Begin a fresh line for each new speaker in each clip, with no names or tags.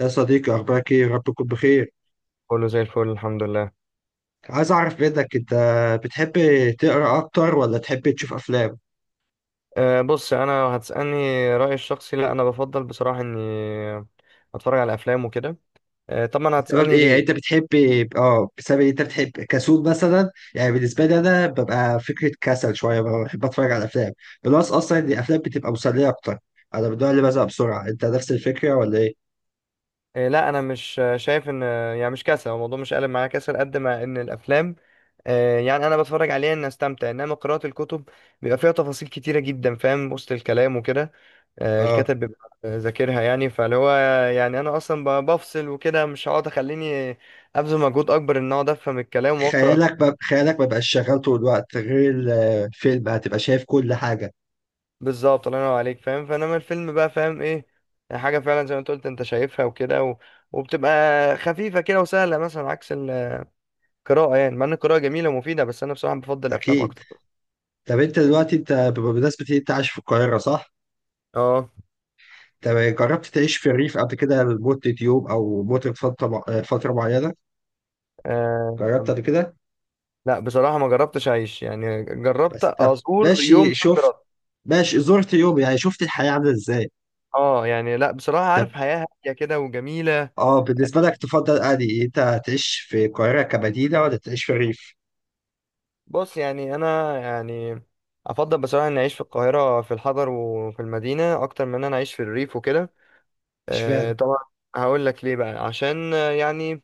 يا صديقي، أخبارك إيه؟ يا رب تكون بخير.
كله زي الفل الحمد لله.
عايز أعرف منك، أنت بتحب تقرأ أكتر ولا تحب تشوف أفلام؟
بص انا هتسالني رايي الشخصي، لا انا بفضل بصراحه اني اتفرج على افلام وكده. طبعا
بسبب
هتسالني
إيه؟
ليه.
يعني أنت بتحب آه بسبب إيه أنت بتحب كسول مثلا؟ يعني بالنسبة لي أنا ببقى فكرة كسل شوية، بحب أتفرج على أفلام، بلس أصلا إن الأفلام بتبقى مسلية أكتر. أنا من النوع اللي بزهق بسرعة، أنت نفس الفكرة ولا إيه؟
لا انا مش شايف ان، يعني مش كسل هو الموضوع، مش قالب معايا كسل قد ما ان الافلام، يعني انا بتفرج عليها ان استمتع، انما قراءه الكتب بيبقى فيها تفاصيل كتيره جدا، فاهم، وسط الكلام وكده.
آه،
الكاتب بيبقى ذاكرها يعني، فاللي هو يعني انا اصلا بفصل وكده، مش هقعد اخليني ابذل مجهود اكبر ان اقعد افهم الكلام واقرا.
خيالك ما بقاش شغال طول الوقت غير الفيلم، هتبقى شايف كل حاجة.
بالظبط، الله ينور عليك فاهم، فانما الفيلم بقى فاهم ايه يعني، حاجه فعلا زي ما انت قلت انت شايفها وكده وبتبقى خفيفه كده وسهله، مثلا عكس القراءه يعني، مع ان القراءه جميله ومفيده، بس انا بصراحه بفضل الافلام
أكيد.
اكتر.
طب أنت دلوقتي أنت بمناسبة إن أنت عايش في القاهرة، صح؟
اه.
طب جربت تعيش في الريف قبل كده لمدة يوم أو مدة فترة معينة؟
آه...
جربت قبل كده؟
لا بصراحه ما جربتش اعيش، يعني جربت
بس طب
ازور يوم
ماشي،
صد
شفت
رد.
ماشي زرت يوم، يعني شفت الحياة عاملة إزاي؟
اه يعني لا، بصراحه
طب،
عارف حياه هاديه كده وجميله.
اه بالنسبة لك تفضل أنهي، أنت تعيش في القاهرة كمدينة ولا تعيش في الريف؟
بص يعني انا، يعني افضل بصراحه اني اعيش في القاهره في الحضر وفي المدينه اكتر من ان انا اعيش في الريف وكده.
اشمعنى؟
طبعا هقول لك ليه بقى، عشان آه، يعني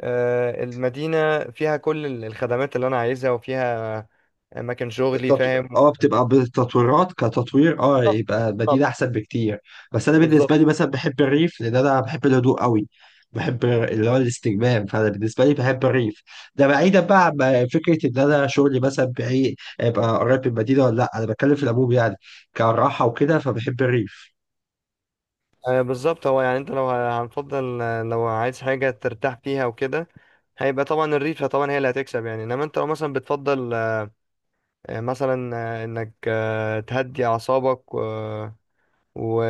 آه، المدينة فيها كل الخدمات اللي أنا عايزها، وفيها أماكن شغلي
التط-
فاهم.
اه، بتبقى بالتطويرات، كتطوير
بالظبط.
يبقى مدينة
بالظبط.
احسن بكتير. بس انا بالنسبة
بالظبط.
لي مثلا بحب الريف لان انا بحب الهدوء قوي. بحب اللي هو الاستجمام، فانا بالنسبة لي بحب الريف. ده بعيدا بقى عن فكرة ان انا شغلي مثلا بعيد ابقى قريب من المدينة ولا لا، انا بتكلم في العموم يعني، كراحة وكده فبحب الريف.
بالظبط، هو يعني أنت لو هنفضل، لو عايز حاجة ترتاح فيها وكده، هيبقى طبعا الريفة، طبعا هي اللي هتكسب يعني، إنما أنت لو مثلا بتفضل مثلا إنك تهدي أعصابك و...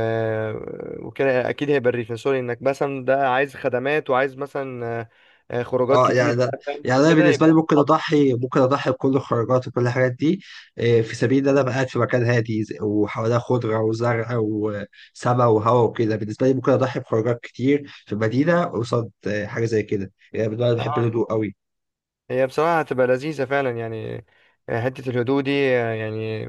وكده، اكيد هيبقى الريفنسوري، انك مثلا ده عايز خدمات وعايز مثلا خروجات
اه يعني
كتير
ده،
بقى فاهم؟
يعني انا
وكده
بالنسبه لي
يبقى
ممكن
خطر.
اضحي ممكن اضحي بكل الخروجات وكل الحاجات دي، في سبيل ان انا ابقى قاعد في مكان هادي، وحواليها خضره وزرع وسماء وهواء وكده. بالنسبه لي ممكن اضحي بخروجات كتير في المدينه قصاد حاجه زي كده، يعني بالنسبه لي أنا بحب
آه،
الهدوء قوي.
هي بصراحة هتبقى لذيذة فعلا يعني، حتة الهدوء دي يعني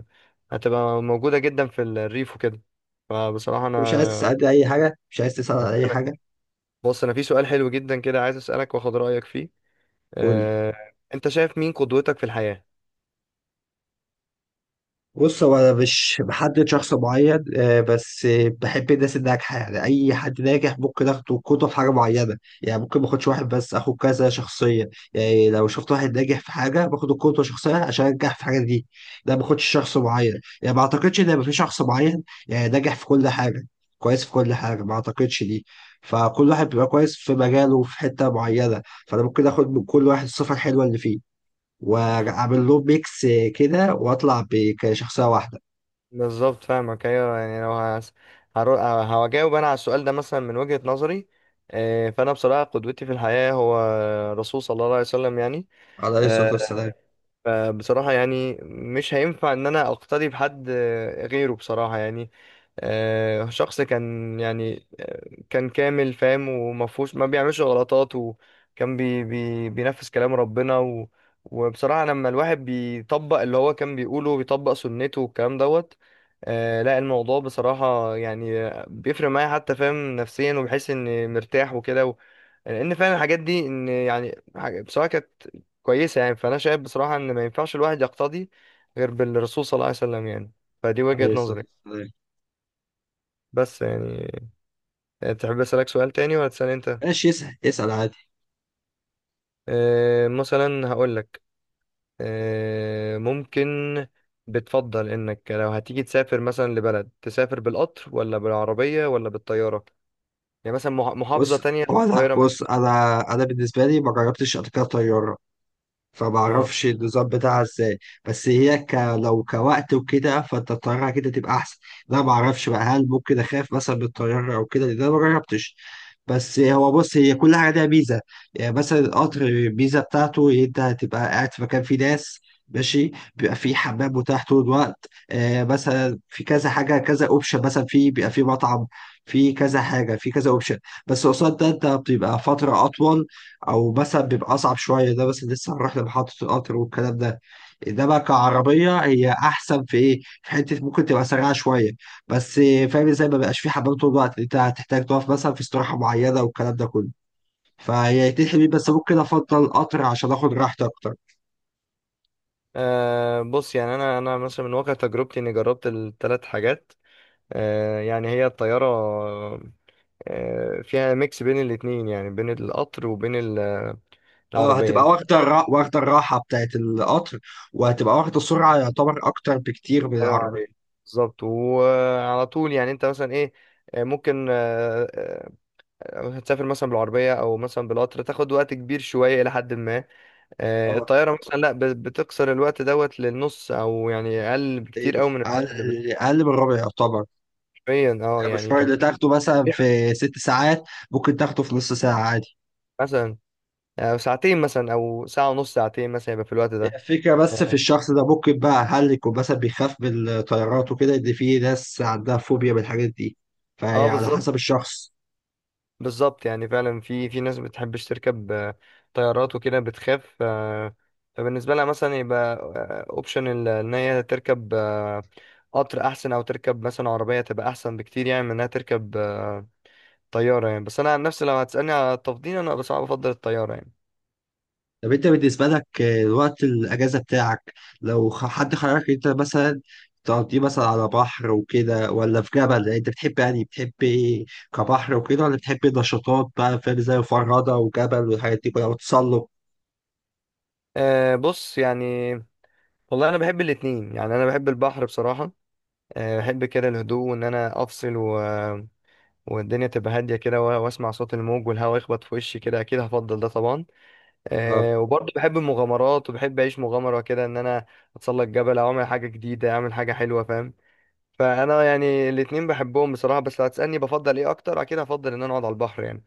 هتبقى موجودة جدا في الريف وكده، فبصراحة
انت مش عايز
أنا
تسالني اي حاجه؟ مش عايز تسال عن اي
هسألك.
حاجه؟
بص أنا في سؤال حلو جدا كده، عايز أسألك وآخد رأيك فيه.
قول لي.
آه، أنت شايف مين قدوتك في الحياة؟
بص، هو انا مش بحدد شخص معين، بس بحب الناس الناجحه، يعني اي حد ناجح ممكن اخده قدوه في حاجه معينه. يعني ممكن ما اخدش واحد، بس اخد كذا شخصيه. يعني لو شفت واحد ناجح في حاجه باخد القدوه شخصيه عشان انجح في حاجه دي. ده ما باخدش شخص معين. يعني ما اعتقدش ان يبقى في شخص معين يعني ناجح في كل حاجه، كويس في كل حاجه، ما اعتقدش دي. فكل واحد بيبقى كويس في مجاله، في حته معينه. فانا ممكن اخد من كل واحد الصفه الحلوه اللي فيه، واعمل له ميكس كده واطلع كشخصيه واحده.
بالظبط فاهمك، ايوه يعني لو هجاوب انا على السؤال ده مثلا من وجهة نظري، فانا بصراحه قدوتي في الحياه هو الرسول صلى الله عليه وسلم يعني.
عليه الصلاه
آه،
والسلام.
فبصراحه يعني مش هينفع ان انا اقتدي بحد غيره بصراحه يعني، شخص كان يعني كان كامل فاهم، ومفهوش، ما بيعملش غلطات، وكان بي بي بينفذ كلام ربنا وبصراحة لما الواحد بيطبق اللي هو كان بيقوله وبيطبق سنته والكلام دوت. لا الموضوع بصراحة يعني بيفرق معايا، حتى فاهم، نفسيا، وبحس اني مرتاح وكده لان فعلا الحاجات دي ان يعني بصراحة كانت كويسة يعني، فانا شايف بصراحة ان ما ينفعش الواحد يقتدي غير بالرسول صلى الله عليه وسلم يعني، فدي وجهة
عليه الصلاه
نظري.
والسلام.
بس يعني تحب أسألك سؤال تاني ولا تسأل أنت؟
ماشي، اسال عادي.
مثلا هقولك ممكن، بتفضل إنك لو هتيجي تسافر مثلا لبلد تسافر بالقطر ولا بالعربية ولا بالطيارة؟ يعني مثلا محافظة
بص،
تانية في
هو انا،
القاهرة
بص
مثلا.
انا، انا بالنسبه لي ما جربتش قبل كده طياره،
اه.
فمعرفش النظام بتاعها ازاي. بس هي ك... لو كوقت وكده فانت الطيارة كده تبقى احسن. لا معرفش بقى، هل ممكن اخاف مثلا من الطيارة او كده لان انا مجربتش. بس هو بص، هي كل حاجة ليها ميزة. يعني مثلا القطر، الميزة بتاعته إن انت هتبقى قاعد في مكان فيه ناس ماشي، بيبقى فيه حمام متاح طول الوقت. مثلا في كذا حاجة، كذا اوبشن، مثلا في، بيبقى فيه مطعم، في كذا حاجة، في كذا اوبشن. بس قصاد ده انت بتبقى فترة أطول، او مثلا بيبقى اصعب شويه. ده بس لسه هنروح لمحطه القطر والكلام ده. ده بقى كعربيه، هي احسن في ايه، في حته ممكن تبقى سريعه شويه. بس فاهم ازاي، ما بقاش في حمام طول الوقت، انت هتحتاج تقف مثلا في استراحه معينه والكلام ده كله. فهي تحلي بيه، بس ممكن افضل القطر عشان اخد راحتي اكتر.
بص يعني أنا مثلا من واقع تجربتي إني جربت الثلاث حاجات، يعني هي الطيارة فيها ميكس بين الاتنين، يعني بين القطر وبين
اه،
العربية
هتبقى
يعني.
واخده الراحه بتاعت القطر، وهتبقى واخده السرعه، يعتبر اكتر بكتير من
الله ينور
العربيه.
عليك، بالظبط وعلى طول يعني، انت مثلا ايه آه، ممكن آه، آه، هتسافر مثلا بالعربية أو مثلا بالقطر تاخد وقت كبير شوية إلى حد ما،
اه،
الطيارة مثلا لأ، بتقصر الوقت دوت للنص، أو يعني أقل بكتير
تقريباً
أوي من الوقت اللي
اقل. أقل من الربع يعتبر.
بتقريبا، اه يعني
المشوار اللي
كمان،
تاخده مثلا في ست ساعات، ممكن تاخده في نص ساعة عادي.
مثلا ساعتين مثلا أو ساعة ونص، ساعتين مثلا، يبقى في الوقت ده.
الفكرة بس في
اه،
الشخص ده، ممكن بقى هل يكون مثلا بيخاف من الطيارات وكده، ان في ناس عندها فوبيا من الحاجات دي. فهي على
بالظبط.
حسب الشخص.
بالظبط يعني فعلا في ناس بتحبش تركب طيارات وكده، بتخاف فبالنسبة لها مثلا يبقى اوبشن ان هي تركب قطر احسن، او تركب مثلا عربية تبقى احسن بكتير، يعني من انها تركب طيارة يعني، بس انا عن نفسي لو هتسألني على التفضيل، انا بس بفضل الطيارة يعني.
طب انت بالنسبة لك، وقت الأجازة بتاعك، لو حد خيرك، انت مثلا تقضيه مثلا على بحر وكده ولا في جبل، يعني انت بتحب، يعني بتحب ايه؟ كبحر وكده ولا بتحب نشاطات، بقى فاهم، زي الفرادة وجبل والحاجات دي كلها وتسلق.
بص يعني والله انا بحب الاتنين، يعني انا بحب البحر بصراحة، بحب كده الهدوء وان انا افصل والدنيا تبقى هادية كده واسمع صوت الموج والهواء يخبط في وشي كده، اكيد هفضل ده طبعا. وبرضه بحب المغامرات وبحب اعيش مغامره كده، ان انا اتسلق جبل او اعمل حاجه جديده، اعمل حاجه حلوه فاهم، فانا يعني الاتنين بحبهم بصراحه، بس لو هتسالني بفضل ايه اكتر، اكيد هفضل ان انا اقعد على البحر يعني.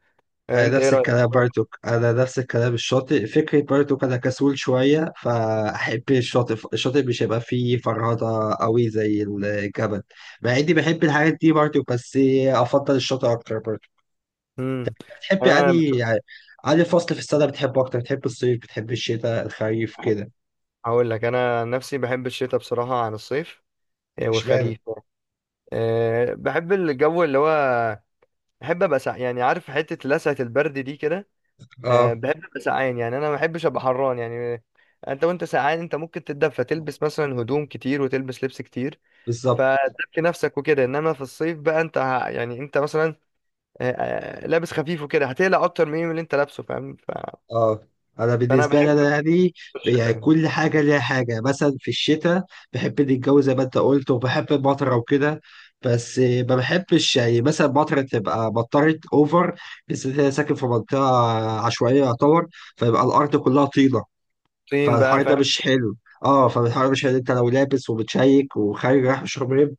انت ايه رايك؟
انا نفس الكلام، الشاطئ فكرة بارتوك. انا كسول شوية فاحب الشاطئ. الشاطئ مش هيبقى فيه فرهضة قوي زي الجبل. مع اني بحب الحاجات دي برضه، بس افضل الشاطئ اكتر برضه.
امم
بتحب
انا
يعني
بشوف،
يعني أنهي فصل في السنة بتحبه اكتر؟ بتحب الصيف، بتحب الشتاء، الخريف كده؟
هقول لك، انا عن نفسي بحب الشتاء بصراحه عن الصيف،
اشمعنى؟
والخريف. بحب الجو اللي هو، بحب ابقى يعني عارف، حته لسعه البرد دي كده.
اه،
بحب ابقى سقعان يعني، انا ما بحبش ابقى حران يعني، انت وانت سقعان انت ممكن تتدفى، تلبس مثلا هدوم كتير وتلبس لبس كتير،
بالظبط.
فتدفي نفسك وكده، انما في الصيف بقى انت يعني انت مثلا أه آه، لابس خفيف وكده، هتقلق اكتر من اللي انت لابسه فاهم،
اه انا
فانا
بالنسبه لي
بحب
انا، يعني
الشتاء
يعني
يعني.
كل حاجه ليها حاجه. مثلا في الشتاء بحب الجو زي ما انت قلت، وبحب المطره وكده. بس ما بحبش يعني مثلا المطره تبقى مطرت اوفر، بالذات إن انا ساكن في منطقه عشوائيه يعتبر، فيبقى الارض كلها طينه.
طين بقى
فالحر ده
فاهم؟
مش حلو. اه فالحر ده مش حلو، انت لو لابس ومتشيك وخارج رايح مشروب،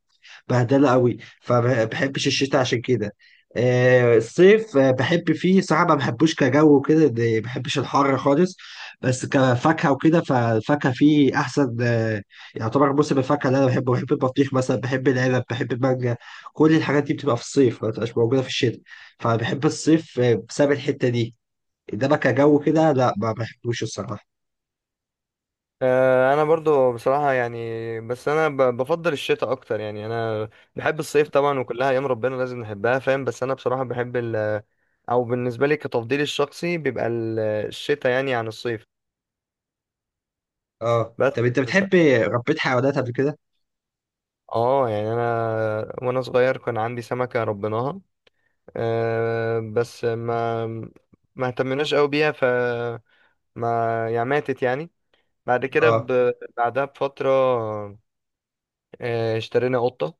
بهدله قوي، فما بحبش الشتاء عشان كده. الصيف بحب فيه صراحه، ما بحبوش كجو وكده، ما بحبش الحر خالص. بس كفاكهه وكده، فالفاكهه فيه احسن. يعتبر موسم الفاكهه اللي انا بحبه، بحب البطيخ مثلا، بحب العنب، بحب المانجا. كل الحاجات دي بتبقى في الصيف، ما بتبقاش موجوده في الشتاء، فبحب الصيف بسبب الحته دي. انما كجو كده لا، ما بحبوش الصراحه.
انا برضو بصراحة يعني، بس انا بفضل الشتاء اكتر يعني، انا بحب الصيف طبعا، وكلها ايام ربنا لازم نحبها فاهم، بس انا بصراحة بحب او بالنسبة لي كتفضيلي الشخصي بيبقى الشتاء يعني عن الصيف.
اه
بس
طب انت
ف-
بتحب، ربيت حيوانات قبل كده؟
اه يعني انا وانا صغير كان عندي سمكة ربيناها، بس ما اهتمناش قوي بيها، ف ما يعني ماتت يعني، بعد كده
اه،
بعدها بفترة. اشترينا قطة،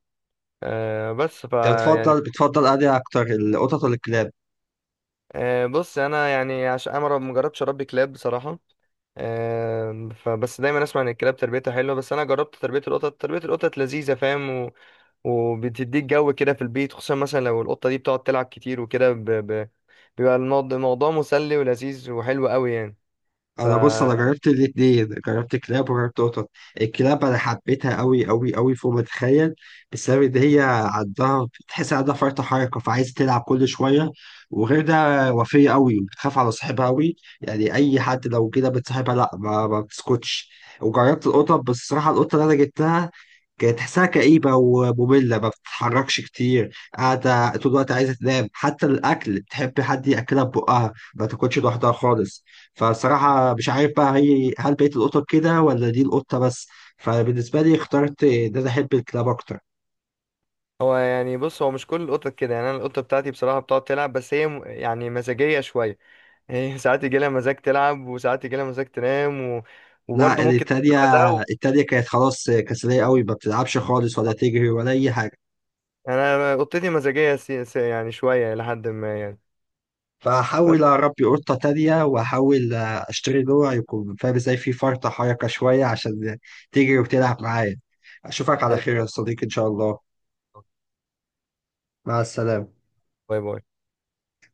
بس ف،
انت بتفضل انهي اكتر، القطط ولا الكلاب؟
بص انا يعني عشان انا ما جربتش اربي كلاب بصراحه، فبس دايما اسمع ان الكلاب تربيتها حلوه، بس انا جربت تربيه القطط، تربيه القطط لذيذه فاهم وبتديك جو كده في البيت، خصوصا مثلا لو القطه دي بتقعد تلعب كتير وكده، بيبقى الموضوع مسلي ولذيذ وحلو قوي يعني.
انا بص، انا
فهو
جربت الاتنين، جربت كلاب وجربت قطط. الكلاب انا حبيتها قوي قوي قوي، فوق ما تتخيل. بسبب ان هي عندها فرط حركه، فعايزه تلعب كل شويه. وغير ده، وفيه قوي بتخاف على صاحبها قوي، يعني اي حد لو كده بتصاحبها لا، ما بتسكتش. وجربت القطط، بس الصراحه القطه اللي انا جبتها كانت تحسها كئيبة ومملة، ما بتتحركش كتير، قاعدة طول الوقت، عايزة تنام، حتى الأكل بتحب حد يأكلها ببقها، ما تاكلش لوحدها خالص. فالصراحة مش عارف بقى هي، هل بقية القطط كده ولا دي القطة بس؟ فبالنسبة لي اخترت إن أنا أحب الكلاب أكتر.
يعني بص، هو مش كل القطط كده يعني، انا القطه بتاعتي بصراحه بتقعد تلعب، بس هي يعني مزاجيه شويه، هي ساعات يجي لها مزاج تلعب، وساعات يجي لها مزاج تنام
لا،
وبرضه ممكن تاكل
التانية،
بعدها.
التانية كانت خلاص كسلية قوي، ما بتلعبش خالص ولا تجري ولا أي حاجة.
أنا اوضتي مزاجيه يعني شويه لحد ما يعني، بس.
فأحاول أربي قطة تانية، وأحاول أشتري نوع يكون، فاهم إزاي، في فرطة حركة شوية، عشان تجري وتلعب معايا. أشوفك على
باي.
خير يا صديقي إن شاء الله. مع السلامة.
باي.